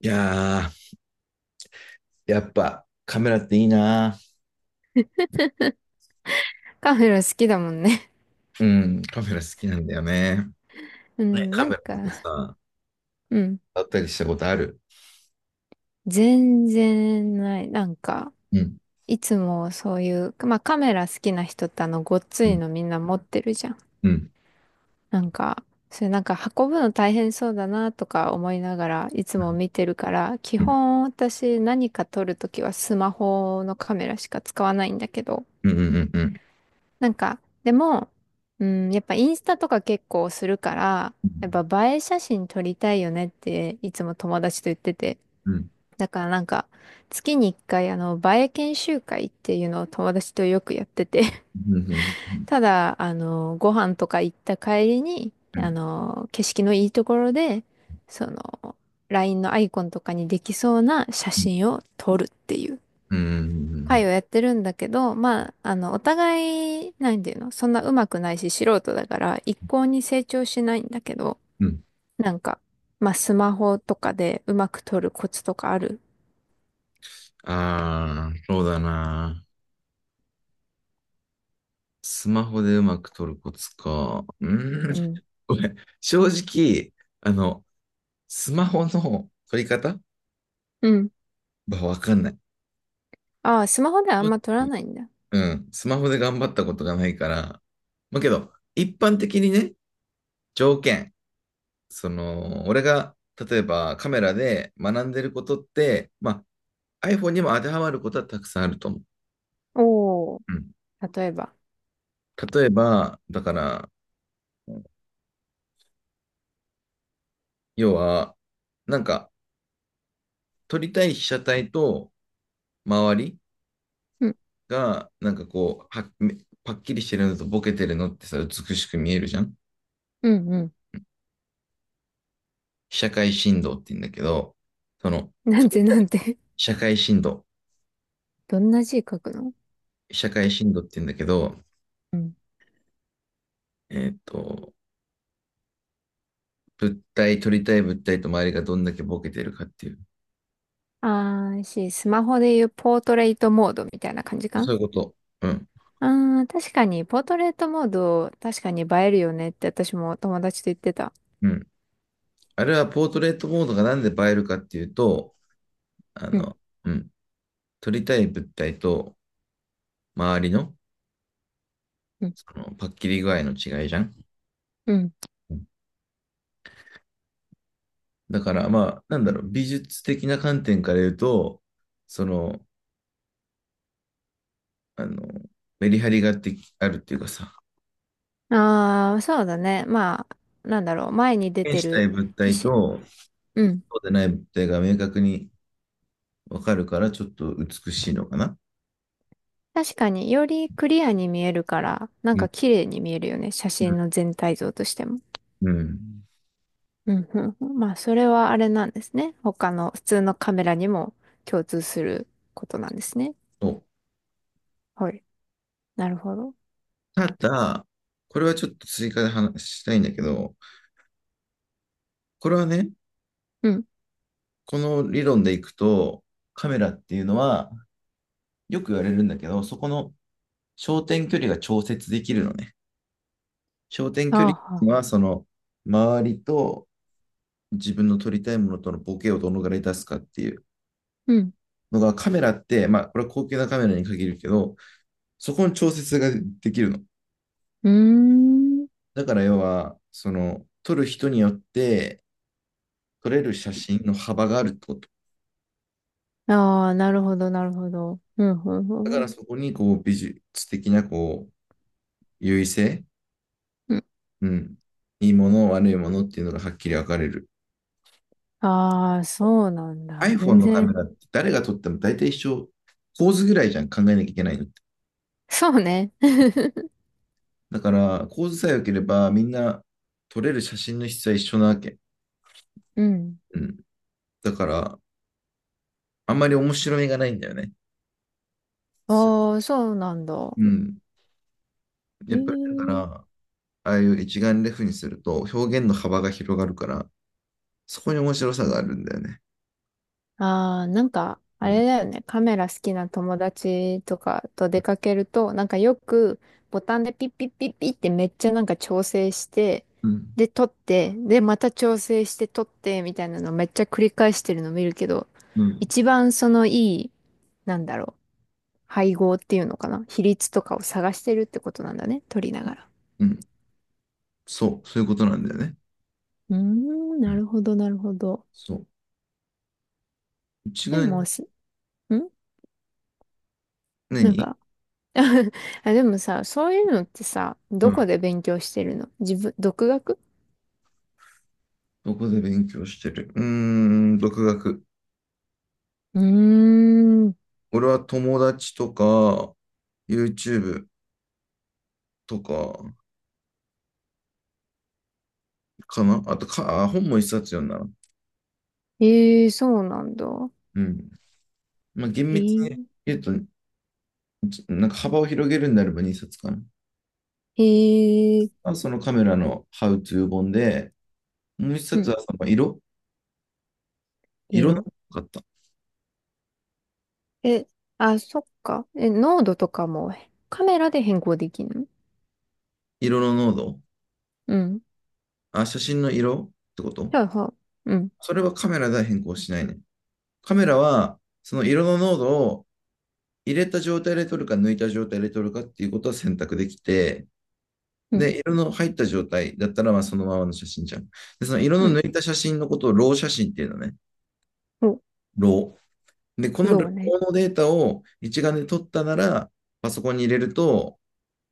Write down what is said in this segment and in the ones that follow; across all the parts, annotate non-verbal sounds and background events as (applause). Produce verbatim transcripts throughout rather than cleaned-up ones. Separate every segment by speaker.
Speaker 1: いやー、やっぱカメラっていいな。
Speaker 2: カメラ好きだもんね。
Speaker 1: うん、カメラ好きなんだよね。
Speaker 2: う
Speaker 1: ね、
Speaker 2: ん、
Speaker 1: カ
Speaker 2: な
Speaker 1: メ
Speaker 2: ん
Speaker 1: ラとか
Speaker 2: か、
Speaker 1: さ、
Speaker 2: うん。
Speaker 1: 撮ったりしたことある。
Speaker 2: 全然ない。なんか、
Speaker 1: うん、
Speaker 2: いつもそういう、まあカメラ好きな人ってあの、ごっつ
Speaker 1: う
Speaker 2: い
Speaker 1: ん、
Speaker 2: のみんな持ってるじゃん。
Speaker 1: うん、
Speaker 2: なんか、それなんか運ぶの大変そうだなとか思いながらいつも
Speaker 1: う
Speaker 2: 見てるから、基
Speaker 1: ん、
Speaker 2: 本私何か撮るときはスマホのカメラしか使わないんだけど、
Speaker 1: うん、うん、うん、うん、
Speaker 2: なんか、でも、うん、やっぱインスタとか結構するから、やっぱ映え写真撮りたいよねっていつも友達と言ってて。
Speaker 1: うん、
Speaker 2: だからなんか、月に一回、あの、バエ研修会っていうのを友達とよくやってて
Speaker 1: うん、うん、う
Speaker 2: (laughs)
Speaker 1: ん、
Speaker 2: ただ、あの、ご飯とか行った帰りに、
Speaker 1: う
Speaker 2: あ
Speaker 1: ん、
Speaker 2: の、景色のいいところで、その、ライン のアイコンとかにできそうな写真を撮るっていう
Speaker 1: うん、うん、うん、う
Speaker 2: 会
Speaker 1: ん、
Speaker 2: をやってるんだけど、まあ、あの、お互い、なんていうの、そんな上手くないし素人だから、一向に成長しないんだけど、
Speaker 1: うん、うん。
Speaker 2: なんか、まあ、スマホとかでうまく撮るコツとかある？
Speaker 1: ああ、そうだな。スマホでうまく撮るコツか。うん。
Speaker 2: うん。
Speaker 1: これ正直あのスマホの撮り方
Speaker 2: うん
Speaker 1: はわかんない。
Speaker 2: ああ、スマホではあんま撮らないんだ。
Speaker 1: うん、スマホで頑張ったことがないから、まあけど、一般的にね、条件、その、俺が、例えばカメラで学んでることって、まあ、iPhone にも当てはまることはたくさんあると思う。
Speaker 2: おー。
Speaker 1: うん。
Speaker 2: 例えば。
Speaker 1: 例えば、だから、要は、なんか、撮りたい被写体と周り
Speaker 2: うん、
Speaker 1: が、なんかこう、は、めパッキリしてるのとボケてるのってさ、美しく見えるじゃん。
Speaker 2: うん、う
Speaker 1: 被写界深度って言うんだけど、その、
Speaker 2: ん。なんて、なん
Speaker 1: 被
Speaker 2: て。
Speaker 1: 写界深度、
Speaker 2: (laughs) どんな字書くの？
Speaker 1: 被写界深度って言うんだけど、
Speaker 2: うん。
Speaker 1: えっと、物体、取りたい物体と周りがどんだけボケてるかっていう。
Speaker 2: ああ、し、スマホでいうポートレートモードみたいな感じか？
Speaker 1: そういうこと。うん。
Speaker 2: ああー、確かに、ポートレートモード、確かに映えるよねって私も友達と言ってた。
Speaker 1: うん。あれはポートレートモードがなんで映えるかっていうと、あ
Speaker 2: うん、
Speaker 1: の、うん、撮りたい物体と周りの、
Speaker 2: うん、
Speaker 1: そのパッキリ具合の違いじゃん。
Speaker 2: うん。
Speaker 1: うん。だからまあ、なんだろう、美術的な観点から言うと、その、あの、メリハリがあってあるっていうかさ、
Speaker 2: ああ、そうだね。まあ、なんだろう、前に出
Speaker 1: 表
Speaker 2: て
Speaker 1: 現した
Speaker 2: る
Speaker 1: い物
Speaker 2: 皮
Speaker 1: 体
Speaker 2: 脂。
Speaker 1: と
Speaker 2: うん。
Speaker 1: そうでない物体が明確にわかるから、ちょっと美しいのかな。
Speaker 2: 確かに、よりクリアに見えるから、なん
Speaker 1: う
Speaker 2: か
Speaker 1: ん、
Speaker 2: 綺麗に見えるよね。写真の全体像としても。
Speaker 1: うん。
Speaker 2: うんうんうん。まあ、それはあれなんですね。他の普通のカメラにも共通することなんですね。
Speaker 1: そう。
Speaker 2: はい。なるほど。
Speaker 1: ただ、これはちょっと追加で話したいんだけど、これはね、
Speaker 2: うん。
Speaker 1: この理論でいくと、カメラっていうのは、よく言われるんだけど、そこの焦点距離が調節できるのね。焦点
Speaker 2: あ
Speaker 1: 距
Speaker 2: あ、
Speaker 1: 離
Speaker 2: はあ
Speaker 1: は、その、周りと自分の撮りたいものとのボケをどのぐらい出すかっていう
Speaker 2: うん。
Speaker 1: のが、カメラって、まあ、これは高級なカメラに限るけど、そこの調節ができるの。
Speaker 2: うーん。
Speaker 1: だから、要は、その、撮る人によって、撮れる写真の幅があるってこと。
Speaker 2: ああ、なるほど、なるほど。うん、う
Speaker 1: だか
Speaker 2: ん、う
Speaker 1: ら
Speaker 2: ん。
Speaker 1: そこにこう美術的なこう優位性、
Speaker 2: うん。
Speaker 1: うん、いいもの、悪いものっていうのがはっきり分かれる。
Speaker 2: ああ、そうなんだ。
Speaker 1: iPhone
Speaker 2: 全
Speaker 1: のカメ
Speaker 2: 然。
Speaker 1: ラって誰が撮っても大体一緒、構図ぐらいじゃん、考えなきゃいけないのって。
Speaker 2: そうね。(laughs)
Speaker 1: だから構図さえ良ければみんな撮れる写真の質は一緒なわけ。
Speaker 2: うん。
Speaker 1: うん、だからあんまり面白みがないんだよね。
Speaker 2: ああ、そうなんだ。
Speaker 1: うん、や
Speaker 2: え
Speaker 1: っぱりだから、
Speaker 2: え
Speaker 1: ああいう一眼レフにすると表現の幅が広がるから、そこに面白さがあるんだよね。
Speaker 2: ああ、なんか、あ
Speaker 1: うん、
Speaker 2: れだよね。カメラ好きな友達とかと出かけると、なんかよくボタンでピッピッピッピッってめっちゃなんか調整して、
Speaker 1: うん、
Speaker 2: で、撮って、で、また調整して撮って、みたいなのめっちゃ繰り返してるの見るけど、
Speaker 1: うん、
Speaker 2: 一番そのいい、なんだろう、配合っていうのかな。比率とかを探してるってことなんだね。撮りながら。
Speaker 1: うん。そう、そういうことなんだよね。
Speaker 2: うーん、
Speaker 1: う
Speaker 2: な
Speaker 1: ん。
Speaker 2: るほど、なるほど。
Speaker 1: そう。うち
Speaker 2: で
Speaker 1: が
Speaker 2: も、すんなん
Speaker 1: 何。
Speaker 2: か、(laughs) あ、でもさ、そういうのってさ、
Speaker 1: う
Speaker 2: ど
Speaker 1: ん。
Speaker 2: こで勉強してるの自分、独学？
Speaker 1: どこで勉強してる、うーん、独学。
Speaker 2: うーん。
Speaker 1: 俺は友達とか、YouTube とか、かなあとか、あ本も一冊読んだな。
Speaker 2: ええそうなんだ。
Speaker 1: うん。まあ、厳
Speaker 2: え
Speaker 1: 密
Speaker 2: ー、
Speaker 1: に言うと、ちなんか幅を広げるんであればにさつかな。
Speaker 2: えー、
Speaker 1: あ、そのカメラの How to 本で、もう一
Speaker 2: う
Speaker 1: 冊
Speaker 2: ん、
Speaker 1: はその色色の
Speaker 2: 色
Speaker 1: かった。
Speaker 2: え、あ、そっか。え、濃度とかもカメラで変更できるの？
Speaker 1: 色の濃度、
Speaker 2: うん。
Speaker 1: あ、写真の色ってこと。
Speaker 2: はいはい。うん、
Speaker 1: それはカメラでは変更しないね。カメラは、その色の濃度を入れた状態で撮るか抜いた状態で撮るかっていうことを選択できて、
Speaker 2: うん、
Speaker 1: で、色の入った状態だったら、まあそのままの写真じゃん。で、その色
Speaker 2: う
Speaker 1: の
Speaker 2: ん。
Speaker 1: 抜いた写真のことをロー写真っていうのね。
Speaker 2: お、
Speaker 1: ロー。で、この
Speaker 2: ロ
Speaker 1: ロ
Speaker 2: ー
Speaker 1: ー
Speaker 2: ね。
Speaker 1: のデータを一眼で撮ったなら、パソコンに入れると、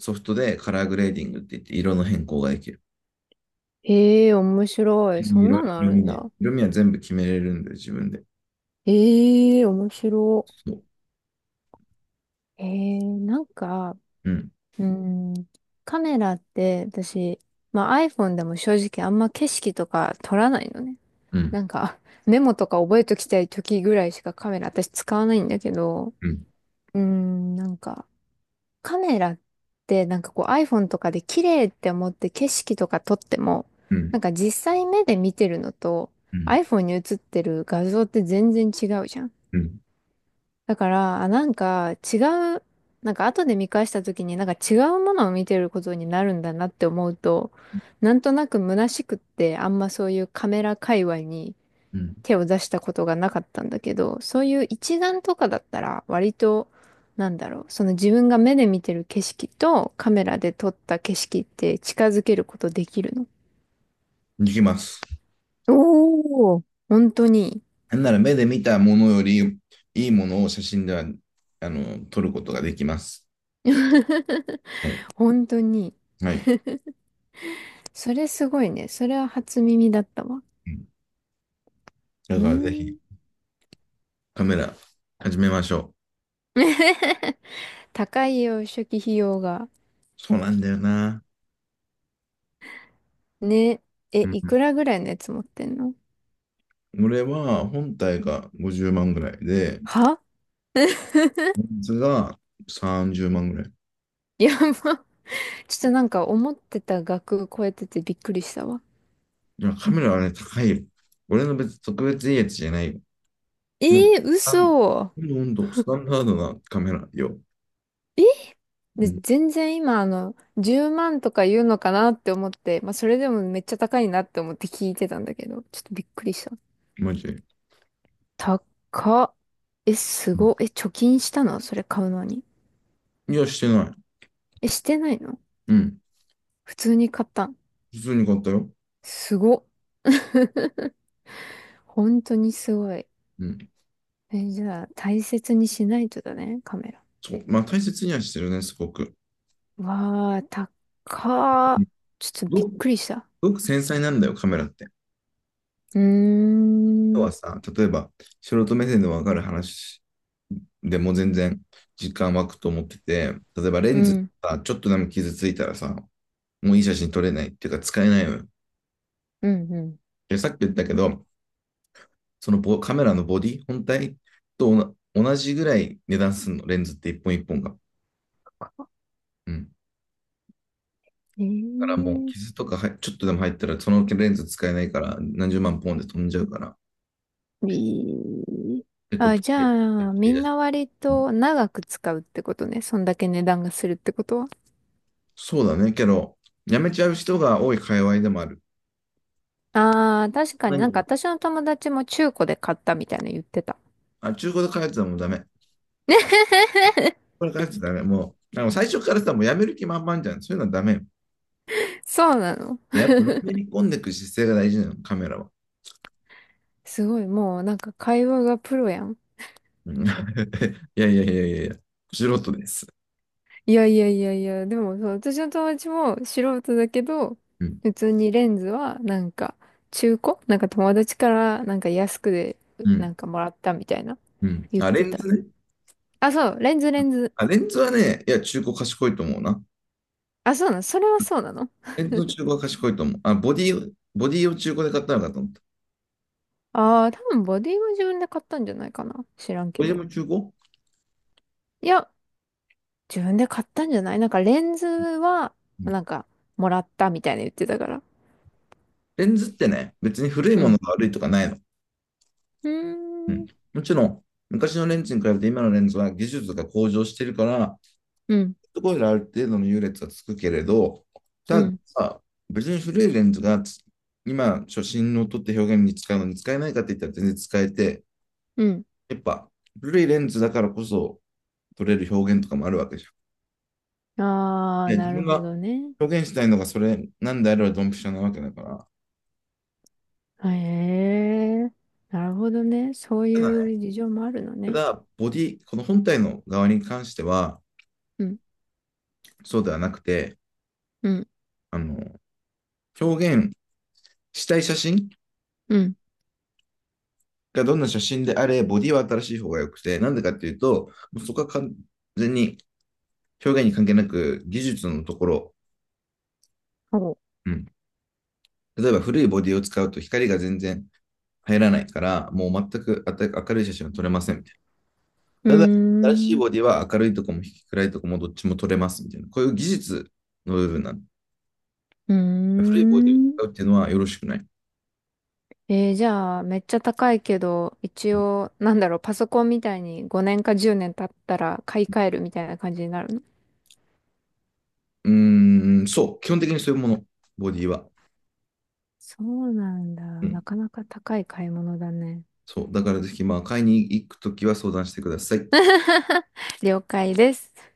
Speaker 1: ソフトでカラーグレーディングって言って色の変更ができる。
Speaker 2: ええ面白い。
Speaker 1: 色、
Speaker 2: そんなのあ
Speaker 1: 色
Speaker 2: る
Speaker 1: 味
Speaker 2: ん
Speaker 1: ね。
Speaker 2: だ。
Speaker 1: 色味は全部決めれるんで、自分で。
Speaker 2: ええ面白
Speaker 1: そう。
Speaker 2: い。ええなんか、
Speaker 1: うん。
Speaker 2: うん、カメラって私、まあ、iPhone でも正直あんま景色とか撮らないのね。
Speaker 1: うん。
Speaker 2: なんか (laughs) メモとか覚えときたい時ぐらいしかカメラ私使わないんだけど、
Speaker 1: うん。
Speaker 2: うーん、なんかカメラってなんかこう iPhone とかで綺麗って思って景色とか撮っても、
Speaker 1: う
Speaker 2: な
Speaker 1: ん。
Speaker 2: んか実際目で見てるのと
Speaker 1: うん。
Speaker 2: iPhone に映ってる画像って全然違うじゃん。
Speaker 1: うん。
Speaker 2: だから、あ、なんか違う、なんか後で見返した時になんか違うものを見てることになるんだなって思うと、なんとなく虚しくってあんまそういうカメラ界隈に
Speaker 1: うん。
Speaker 2: 手を出したことがなかったんだけど、そういう一眼とかだったら割と、なんだろう、その自分が目で見てる景色とカメラで撮った景色って近づけることできるの？
Speaker 1: いきます。
Speaker 2: おお。本当に、
Speaker 1: なんなら目で見たものよりいいものを写真ではあの撮ることができます。
Speaker 2: (laughs)
Speaker 1: はい。
Speaker 2: 本当に。
Speaker 1: はい。
Speaker 2: それすごいね。それは初耳だったわ。
Speaker 1: だ
Speaker 2: うー
Speaker 1: からぜひ
Speaker 2: ん。
Speaker 1: カメラ始めましょう。
Speaker 2: (laughs) 高いよ、初期費用が。
Speaker 1: そうなんだよな。
Speaker 2: ね。え、
Speaker 1: うん、
Speaker 2: いくらぐらいのやつ持ってんの
Speaker 1: 俺は本体がごじゅうまんぐらいで、
Speaker 2: は？
Speaker 1: レンズがさんじゅうまんぐらい。
Speaker 2: (laughs) やば。ちょっとなんか思ってた額超えててびっくりしたわ。
Speaker 1: いや、カメラはね、高いよ。俺の別に特別いいやつじゃないよ。
Speaker 2: え
Speaker 1: もう、
Speaker 2: ー、嘘。
Speaker 1: ほんと、スタンダードなカメラよ。う
Speaker 2: で、
Speaker 1: ん、
Speaker 2: 全然今あの、じゅうまんとか言うのかなって思って、まあそれでもめっちゃ高いなって思って聞いてたんだけど、ちょっとびっくりした。
Speaker 1: マジで。
Speaker 2: 高っ。え、す
Speaker 1: うん。
Speaker 2: ごっ。え、貯金したのそれ買うのに？
Speaker 1: いや、してない。
Speaker 2: え、してないの？
Speaker 1: うん、
Speaker 2: 普通に買ったん？
Speaker 1: 普通に買ったよ。
Speaker 2: すごっ。(laughs) 本当にすごい。
Speaker 1: うん。
Speaker 2: え、じゃあ、大切にしないとだね、カメラ。
Speaker 1: そう、まあ大切にはしてるね、すごく。
Speaker 2: わあ、高
Speaker 1: うん。
Speaker 2: っ。ち
Speaker 1: す
Speaker 2: ょっとびっ
Speaker 1: ごくす
Speaker 2: くりした。
Speaker 1: ごく繊細なんだよ、カメラって。
Speaker 2: うー
Speaker 1: 要
Speaker 2: ん、
Speaker 1: はさ、例えば、素人目線でわかる話でも全然時間湧くと思ってて、例えばレ
Speaker 2: う
Speaker 1: ンズ
Speaker 2: ん、
Speaker 1: さ、ちょっとでも傷ついたらさ、もういい写真撮れないっていうか使えないのよ。
Speaker 2: うん、うん。
Speaker 1: で、さっき言ったけど、そのボカメラのボディ本体とおな同じぐらい値段するの、レンズっていっぽんいっぽんが。うん。だから
Speaker 2: え
Speaker 1: もう傷とかはちょっとでも入ったら、そのレンズ使えないからなんじゅうまんポンで飛んじゃうから、
Speaker 2: ー、いい
Speaker 1: てこ
Speaker 2: あ、
Speaker 1: と
Speaker 2: じ
Speaker 1: で、
Speaker 2: ゃあ、みんな割
Speaker 1: うん。
Speaker 2: と長く使うってことね。そんだけ値段がするってことは。
Speaker 1: そうだね。けど、やめちゃう人が多い界隈でもある。
Speaker 2: ああ、確かに
Speaker 1: 何
Speaker 2: なんか
Speaker 1: を、
Speaker 2: 私の友達も中古で買ったみたいな言ってた。
Speaker 1: あ、中古で買うやつはもうダメ。
Speaker 2: (laughs)
Speaker 1: これ買うやつダメ。もう、あの最初からさ、もうやめる気満々じゃん。そういうのはダメよ。
Speaker 2: そうなの。
Speaker 1: やっぱ、のめり込んでいく姿勢が大事なの、カメラは。
Speaker 2: すごい、もうなんか会話がプロやん。
Speaker 1: うん (laughs) いやいやいやいやいや、素人です。
Speaker 2: いやいやいやいや、でもそう、私の友達も素人だけど、
Speaker 1: うん。
Speaker 2: 普通にレンズはなんか中古なんか友達からなんか安くで
Speaker 1: う
Speaker 2: な
Speaker 1: ん。
Speaker 2: んかもらったみたいな
Speaker 1: うん。
Speaker 2: 言っ
Speaker 1: あ、レ
Speaker 2: て
Speaker 1: ン
Speaker 2: た。
Speaker 1: ズね。
Speaker 2: あ、そう、レンズレンズ。
Speaker 1: あ、レンズはね、いや、中古賢いと思うな。
Speaker 2: あ、そうなの、それはそうなの？
Speaker 1: レンズの中古は賢いと思う。あ、ボディ、ボディを中古で買ったのかと思った。
Speaker 2: ああー、多分ボディは自分で買ったんじゃないかな。知らん
Speaker 1: ボ
Speaker 2: け
Speaker 1: ディ
Speaker 2: ど。
Speaker 1: も中古。
Speaker 2: いや、自分で買ったんじゃないなんかレンズはなんかもらったみたいな言ってたから。
Speaker 1: レンズってね、別に古い
Speaker 2: う
Speaker 1: もの
Speaker 2: ん。
Speaker 1: が悪いとかないの。
Speaker 2: う
Speaker 1: う
Speaker 2: ー
Speaker 1: ん。
Speaker 2: ん。
Speaker 1: もちろん、昔のレンズに比べて今のレンズは技術が向上してるから、
Speaker 2: うん。
Speaker 1: そこである程度の優劣はつくけれど、
Speaker 2: う
Speaker 1: た
Speaker 2: ん。
Speaker 1: だ、別に古いレンズがつ今、初心の撮って表現に使うのに使えないかって言ったら全然使えて、
Speaker 2: うん。
Speaker 1: やっぱ古いレンズだからこそ撮れる表現とかもあるわけじゃ
Speaker 2: あ
Speaker 1: ん。い
Speaker 2: あ、
Speaker 1: や、自
Speaker 2: なる
Speaker 1: 分
Speaker 2: ほ
Speaker 1: が
Speaker 2: どね。
Speaker 1: 表現したいのがそれなんであればドンピシャなわけだから。
Speaker 2: へえ、なるほどね。そう
Speaker 1: ただね、
Speaker 2: いう事情もあるの
Speaker 1: た
Speaker 2: ね。
Speaker 1: だ、ボディ、この本体の側に関しては、
Speaker 2: うん、
Speaker 1: そうではなくて、
Speaker 2: うん、
Speaker 1: あの、表現したい写真
Speaker 2: うん。
Speaker 1: がどんな写真であれ、ボディは新しい方が良くて、なんでかっていうと、そこは完全に表現に関係なく技術のところ、
Speaker 2: そ
Speaker 1: うん、例えば古いボディを使うと光が全然入らないから、もう全く明るい写真は撮れませんみた
Speaker 2: うう
Speaker 1: いな。ただ、新しい
Speaker 2: ーん、
Speaker 1: ボディは明るいとこも暗いとこもどっちも撮れますみたいな。こういう技術の部分なんで。
Speaker 2: うー
Speaker 1: 古いボディを
Speaker 2: ん。
Speaker 1: 使うっていうのはよろしくない。
Speaker 2: えーじゃあ、めっちゃ高いけど、一
Speaker 1: う
Speaker 2: 応、なんだろう、パソコンみたいにごねんかじゅうねん経ったら買い替えるみたいな感じになるの？
Speaker 1: うーん。そう。基本的にそういうもの、ボディは。
Speaker 2: そうなんだ。
Speaker 1: うん。
Speaker 2: なかなか高い買い物だね。
Speaker 1: そう。だからぜひ、まあ、買いに行くときは相談してください。
Speaker 2: 了解です。